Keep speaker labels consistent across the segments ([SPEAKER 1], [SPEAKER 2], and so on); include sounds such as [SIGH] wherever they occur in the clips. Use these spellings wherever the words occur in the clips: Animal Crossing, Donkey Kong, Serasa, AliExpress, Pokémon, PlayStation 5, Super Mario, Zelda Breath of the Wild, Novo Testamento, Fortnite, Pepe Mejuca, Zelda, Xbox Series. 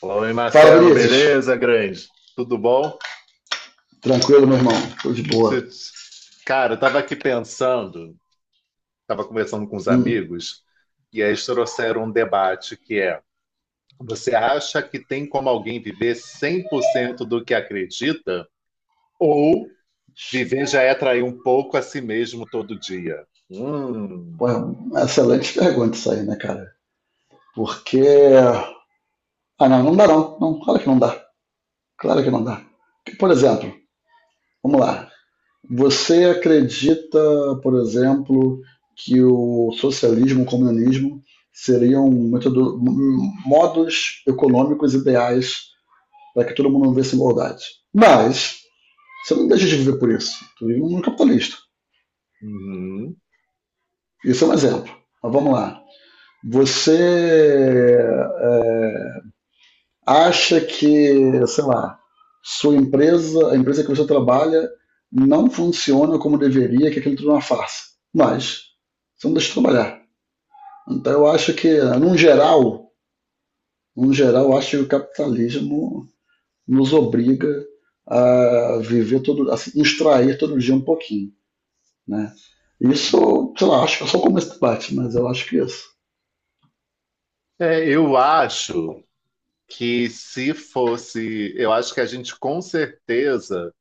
[SPEAKER 1] Oi,
[SPEAKER 2] Fala,
[SPEAKER 1] Marcelo,
[SPEAKER 2] Vinícius.
[SPEAKER 1] beleza, grande? Tudo bom?
[SPEAKER 2] Tranquilo, meu irmão? Tô de boa.
[SPEAKER 1] Se- Cara, eu tava aqui pensando, tava conversando com os
[SPEAKER 2] Hum,
[SPEAKER 1] amigos, e aí eles trouxeram um debate que é: você acha que tem como alguém viver 100% do que acredita? Ou viver já é trair um pouco a si mesmo todo dia?
[SPEAKER 2] pô, é uma excelente pergunta isso aí, né, cara? Porque. Ah, não, não dá não. Não, claro que não dá. Claro que não dá. Por exemplo, vamos lá. Você acredita, por exemplo, que o socialismo, o comunismo seriam modos econômicos ideais para que todo mundo vivesse em igualdade. Mas você não deixa de viver por isso. Tu vive um mundo capitalista.
[SPEAKER 1] Uhum.
[SPEAKER 2] Isso é um exemplo. Mas vamos lá. Você é, acha que, sei lá, a empresa que você trabalha não funciona como deveria, que aquilo tudo é uma farsa. Mas você não deixa de trabalhar. Então eu acho que, num geral, eu acho que o capitalismo nos obriga a se extrair todo dia um pouquinho, né? Isso, sei lá, acho que é só começo de debate, mas eu acho que é isso.
[SPEAKER 1] É, eu acho que se fosse, eu acho que a gente com certeza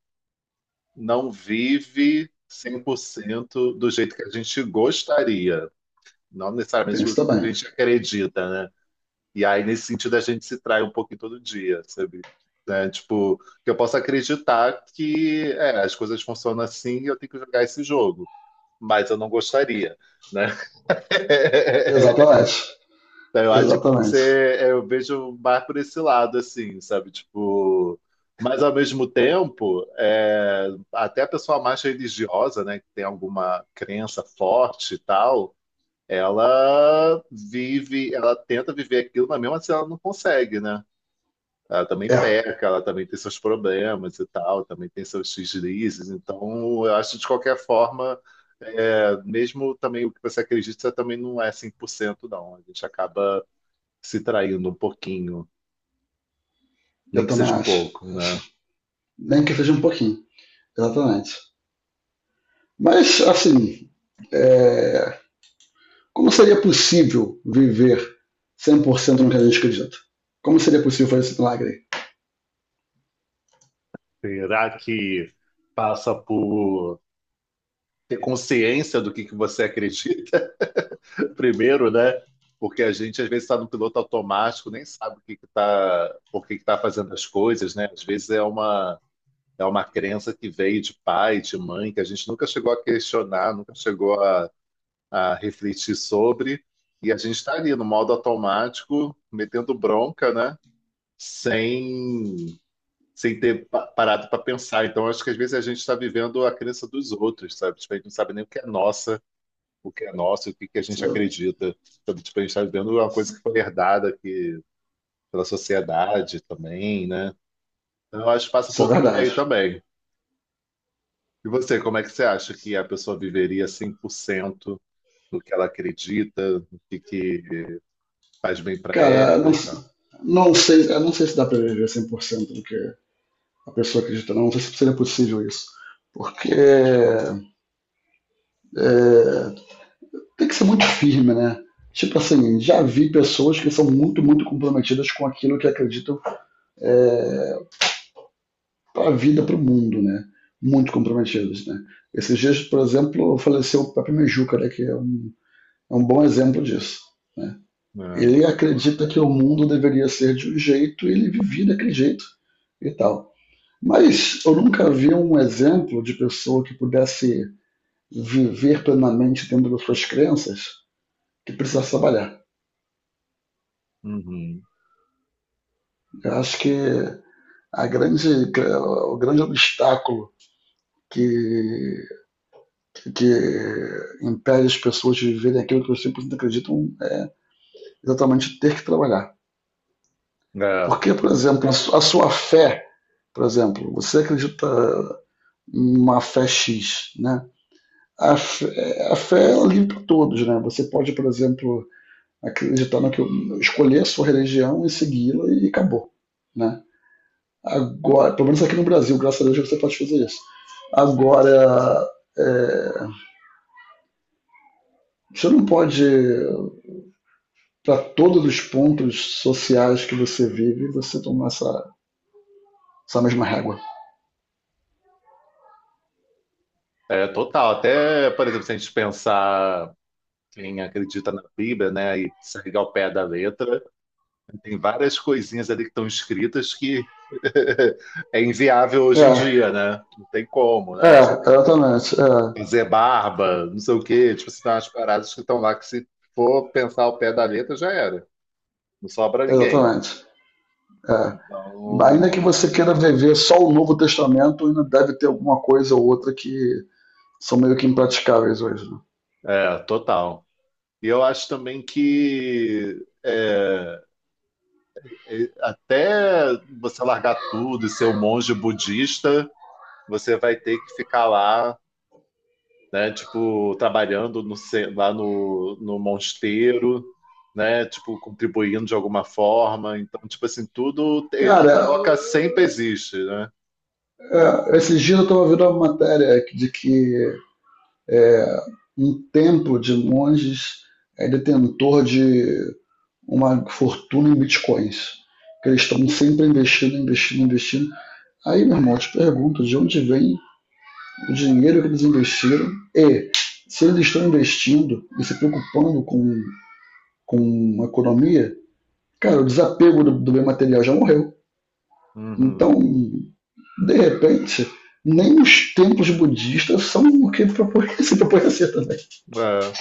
[SPEAKER 1] não vive 100% do jeito que a gente gostaria, não necessariamente
[SPEAKER 2] Tem isso
[SPEAKER 1] do que a
[SPEAKER 2] também.
[SPEAKER 1] gente acredita, né? E aí, nesse sentido, a gente se trai um pouquinho todo dia, sabe? Né? Tipo, que eu posso acreditar que é, as coisas funcionam assim e eu tenho que jogar esse jogo, mas eu não gostaria, né? [LAUGHS]
[SPEAKER 2] Exatamente.
[SPEAKER 1] Então, eu acho que pode
[SPEAKER 2] Exatamente.
[SPEAKER 1] ser, é, eu vejo mais por esse lado, assim, sabe? Tipo, mas ao mesmo tempo, é, até a pessoa mais religiosa, né, que tem alguma crença forte e tal, ela vive, ela tenta viver aquilo, mas mesmo assim ela não consegue, né? Ela também
[SPEAKER 2] É,
[SPEAKER 1] peca, ela também tem seus problemas e tal, também tem seus deslizes. Então, eu acho que de qualquer forma, é, mesmo também o que você acredita você também não é 100% não. A gente acaba se traindo um pouquinho, nem
[SPEAKER 2] eu
[SPEAKER 1] que
[SPEAKER 2] também
[SPEAKER 1] seja um
[SPEAKER 2] acho.
[SPEAKER 1] pouco, né?
[SPEAKER 2] Acho. Nem que seja um pouquinho, exatamente. Mas, assim, é, como seria possível viver 100% no que a gente acredita? Como seria possível fazer esse milagre?
[SPEAKER 1] Será que passa por ter consciência do que você acredita [LAUGHS] primeiro, né? Porque a gente às vezes está no piloto automático, nem sabe o que que tá, por que que tá fazendo as coisas, né? Às vezes é uma crença que veio de pai, de mãe, que a gente nunca chegou a questionar, nunca chegou a refletir sobre, e a gente está ali no modo automático, metendo bronca, né? Sem sem ter parado para pensar. Então, acho que às vezes a gente está vivendo a crença dos outros, sabe? Tipo, a gente não sabe nem o que é nossa, o que é nosso, e o que que a gente
[SPEAKER 2] Isso,
[SPEAKER 1] acredita. Sabe? Tipo, a gente está vivendo uma coisa que foi herdada que, pela sociedade também, né? Então, eu acho que passa um
[SPEAKER 2] isso é
[SPEAKER 1] pouco por aí
[SPEAKER 2] verdade.
[SPEAKER 1] também. E você, como é que você acha que a pessoa viveria 100% do que ela acredita, do que faz bem para
[SPEAKER 2] Cara,
[SPEAKER 1] ela
[SPEAKER 2] não,
[SPEAKER 1] e tal?
[SPEAKER 2] não sei, eu não sei se dá pra viver 100% do que a pessoa acredita, não. Não sei se seria possível isso. Porque é, tem que ser muito firme, né? Tipo assim, já vi pessoas que são muito, muito comprometidas com aquilo que acreditam é, para a vida, para o mundo, né? Muito comprometidas, né? Esses dias, por exemplo, faleceu o Pepe Mejuca, né? É um bom exemplo disso. Né?
[SPEAKER 1] É,
[SPEAKER 2] Ele acredita que o mundo deveria ser de um jeito e ele vivia daquele jeito e tal. Mas eu nunca vi um exemplo de pessoa que pudesse viver plenamente dentro das suas crenças que precisasse trabalhar.
[SPEAKER 1] uhum.
[SPEAKER 2] Eu acho que a grande, o grande obstáculo que, que impede as pessoas de viverem aquilo que os 100% acreditam é exatamente ter que trabalhar.
[SPEAKER 1] É,
[SPEAKER 2] Porque, por exemplo, fé, por exemplo, você acredita em uma fé X, né? A fé é livre para todos, né? Você pode, por exemplo, acreditar no que escolher a sua religião e segui-la e acabou, né? Agora, pelo menos aqui no Brasil, graças a Deus você pode fazer isso. Agora, é, você não pode, para todos os pontos sociais que você vive, você tomar essa mesma régua.
[SPEAKER 1] é total. Até, por exemplo, se a gente pensar quem acredita na Bíblia, né, e segue ao pé da letra, tem várias coisinhas ali que estão escritas que [LAUGHS] é inviável hoje em
[SPEAKER 2] É,
[SPEAKER 1] dia, né? Não tem como, né? Tipo,
[SPEAKER 2] exatamente. É,
[SPEAKER 1] fazer barba, não sei o quê, tipo, se tem umas paradas que estão lá que se for pensar ao pé da letra já era, não sobra ninguém.
[SPEAKER 2] exatamente. É. Ainda que
[SPEAKER 1] Então,
[SPEAKER 2] você queira viver só o Novo Testamento, ainda deve ter alguma coisa ou outra que são meio que impraticáveis hoje. Né?
[SPEAKER 1] é, total. E eu acho também que é, até você largar tudo e ser um monge budista, você vai ter que ficar lá né? Tipo, trabalhando lá no mosteiro, né? Tipo, contribuindo de alguma forma. Então, tipo assim, tudo, a
[SPEAKER 2] Cara,
[SPEAKER 1] troca sempre existe, né?
[SPEAKER 2] esses dias eu estava vendo uma matéria de que um templo de monges é detentor de uma fortuna em bitcoins. Que eles estão sempre investindo, investindo, investindo. Aí, meu irmão, eu te pergunto de onde vem o dinheiro que eles investiram e se eles estão investindo e se preocupando com a economia, cara, o desapego do bem material já morreu. Então,
[SPEAKER 1] Uhum.
[SPEAKER 2] de repente, nem os templos budistas são o que propõe, [LAUGHS] se propõe a ser também.
[SPEAKER 1] É.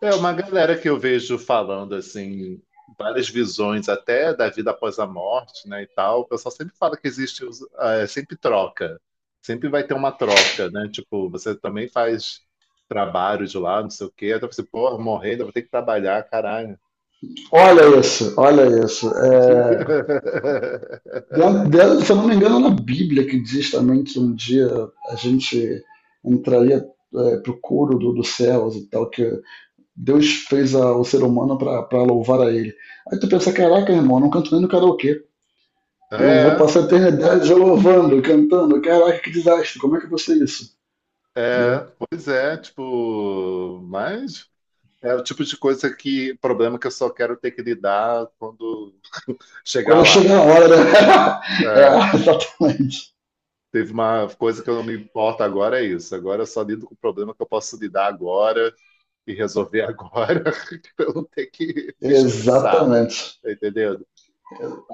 [SPEAKER 1] É uma galera que eu vejo falando assim, várias visões até da vida após a morte, né, e tal. O pessoal sempre fala que existe, ah, é, sempre troca. Sempre vai ter uma troca, né? Tipo, você também faz trabalho de lá, não sei o quê. Aí você, pô, morrer, ainda vou ter que trabalhar, caralho.
[SPEAKER 2] Olha isso, olha isso. É,
[SPEAKER 1] [LAUGHS]
[SPEAKER 2] Se eu não me engano, é na Bíblia que diz também que um dia a gente entraria para o coro dos céus e tal, que Deus fez o ser humano para louvar a ele. Aí tu pensa, caraca, irmão, eu não canto nem no karaokê. Eu vou
[SPEAKER 1] É,
[SPEAKER 2] passar a eternidade louvando, cantando. Caraca, que desastre, como é que eu vou ser isso? Entendeu?
[SPEAKER 1] é, pois é, tipo, mas é o tipo de coisa que, problema que eu só quero ter que lidar quando chegar
[SPEAKER 2] Quando
[SPEAKER 1] lá.
[SPEAKER 2] chega a hora, né? [LAUGHS] É,
[SPEAKER 1] É,
[SPEAKER 2] exatamente.
[SPEAKER 1] teve uma coisa que eu não me importo agora, é isso. Agora eu só lido com o problema que eu posso lidar agora e resolver agora, [LAUGHS] pra eu não ter que [LAUGHS] me estressar,
[SPEAKER 2] Exatamente.
[SPEAKER 1] tá entendendo?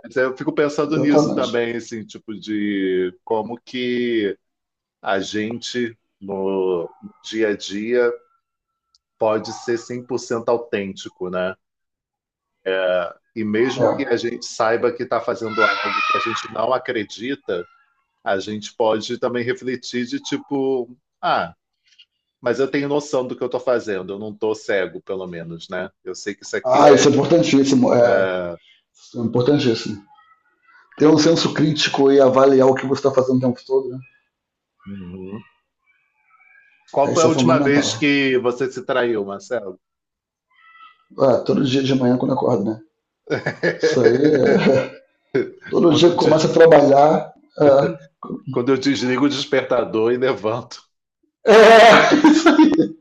[SPEAKER 1] Mas eu fico pensando nisso
[SPEAKER 2] Exatamente.
[SPEAKER 1] também, assim, tipo, de como que a gente no dia a dia pode ser 100% autêntico, né? E mesmo que
[SPEAKER 2] É.
[SPEAKER 1] a gente saiba que está fazendo algo que a gente não acredita, a gente pode também refletir de tipo, ah, mas eu tenho noção do que eu estou fazendo, eu não estou cego, pelo menos, né? Eu sei que isso aqui
[SPEAKER 2] Ah,
[SPEAKER 1] é.
[SPEAKER 2] isso é importantíssimo. É, isso é importantíssimo. Ter um senso crítico e avaliar o que você está fazendo o tempo todo, né?
[SPEAKER 1] Uhum. Qual foi a
[SPEAKER 2] Isso é
[SPEAKER 1] última
[SPEAKER 2] fundamental.
[SPEAKER 1] vez que você se traiu, Marcelo?
[SPEAKER 2] Ah, todo dia de manhã quando eu acordo, né? Isso aí
[SPEAKER 1] [LAUGHS]
[SPEAKER 2] é... [LAUGHS] Todo dia
[SPEAKER 1] Quando
[SPEAKER 2] que
[SPEAKER 1] eu,
[SPEAKER 2] começa a trabalhar. É...
[SPEAKER 1] quando eu desligo o despertador e levanto.
[SPEAKER 2] [LAUGHS] é isso aí.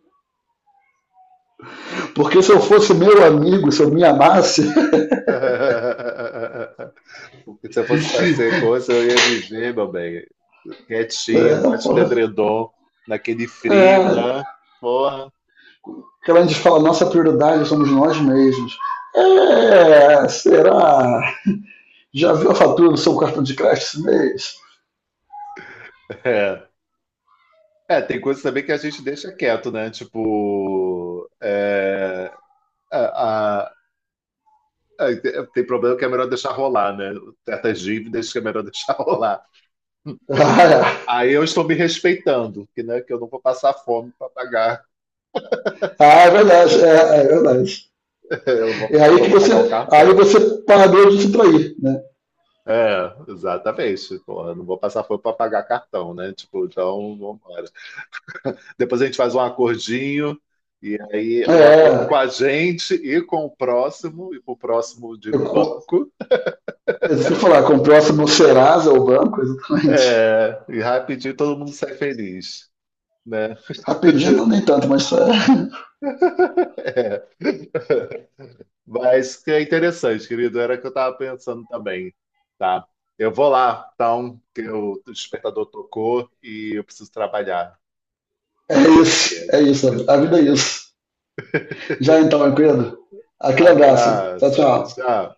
[SPEAKER 2] Porque se eu fosse meu amigo, se eu me amasse. [LAUGHS]
[SPEAKER 1] [LAUGHS] Porque se eu fosse para ser coisa, eu ia viver, meu bem. Quietinho,
[SPEAKER 2] É,
[SPEAKER 1] embaixo do
[SPEAKER 2] porra.
[SPEAKER 1] edredom, naquele frio,
[SPEAKER 2] É.
[SPEAKER 1] né? Porra.
[SPEAKER 2] Que a gente fala, nossa prioridade somos nós mesmos. É, será? Já viu a fatura do seu cartão de crédito esse mês?
[SPEAKER 1] [LAUGHS] É. É, tem coisas também que a gente deixa quieto, né? Tipo, a- a- tem problema que é melhor deixar rolar, né? Certas dívidas que é melhor [LAUGHS] deixar rolar.
[SPEAKER 2] [LAUGHS] Ah, é.
[SPEAKER 1] Aí eu estou me respeitando, que, né, que eu não vou passar fome para pagar,
[SPEAKER 2] Ah, é verdade.
[SPEAKER 1] [LAUGHS] eu não vou
[SPEAKER 2] É
[SPEAKER 1] passar
[SPEAKER 2] aí
[SPEAKER 1] fome
[SPEAKER 2] que
[SPEAKER 1] para pagar o
[SPEAKER 2] aí
[SPEAKER 1] cartão.
[SPEAKER 2] você parou de se trair, né?
[SPEAKER 1] É, exatamente. Porra, eu não vou passar fome para pagar cartão, né? Tipo, então, vamos depois a gente faz um acordinho, e aí um acordo com
[SPEAKER 2] É,
[SPEAKER 1] a gente e com o próximo, e com o próximo, digo,
[SPEAKER 2] eu,
[SPEAKER 1] banco.
[SPEAKER 2] eu sei falar, comprou essa no Serasa ou banco, exatamente.
[SPEAKER 1] É, e rapidinho todo mundo sai feliz, né?
[SPEAKER 2] Rapidinho não nem tanto, mas
[SPEAKER 1] [LAUGHS] É. Mas que é interessante, querido, era o que eu estava pensando também, tá? Eu vou lá, então, que o despertador tocou e eu preciso trabalhar. Fazer o quê?
[SPEAKER 2] é isso, a vida é isso. Já então, meu querido, aquele abraço, tchau,
[SPEAKER 1] Abraço.
[SPEAKER 2] tchau.
[SPEAKER 1] Tchau.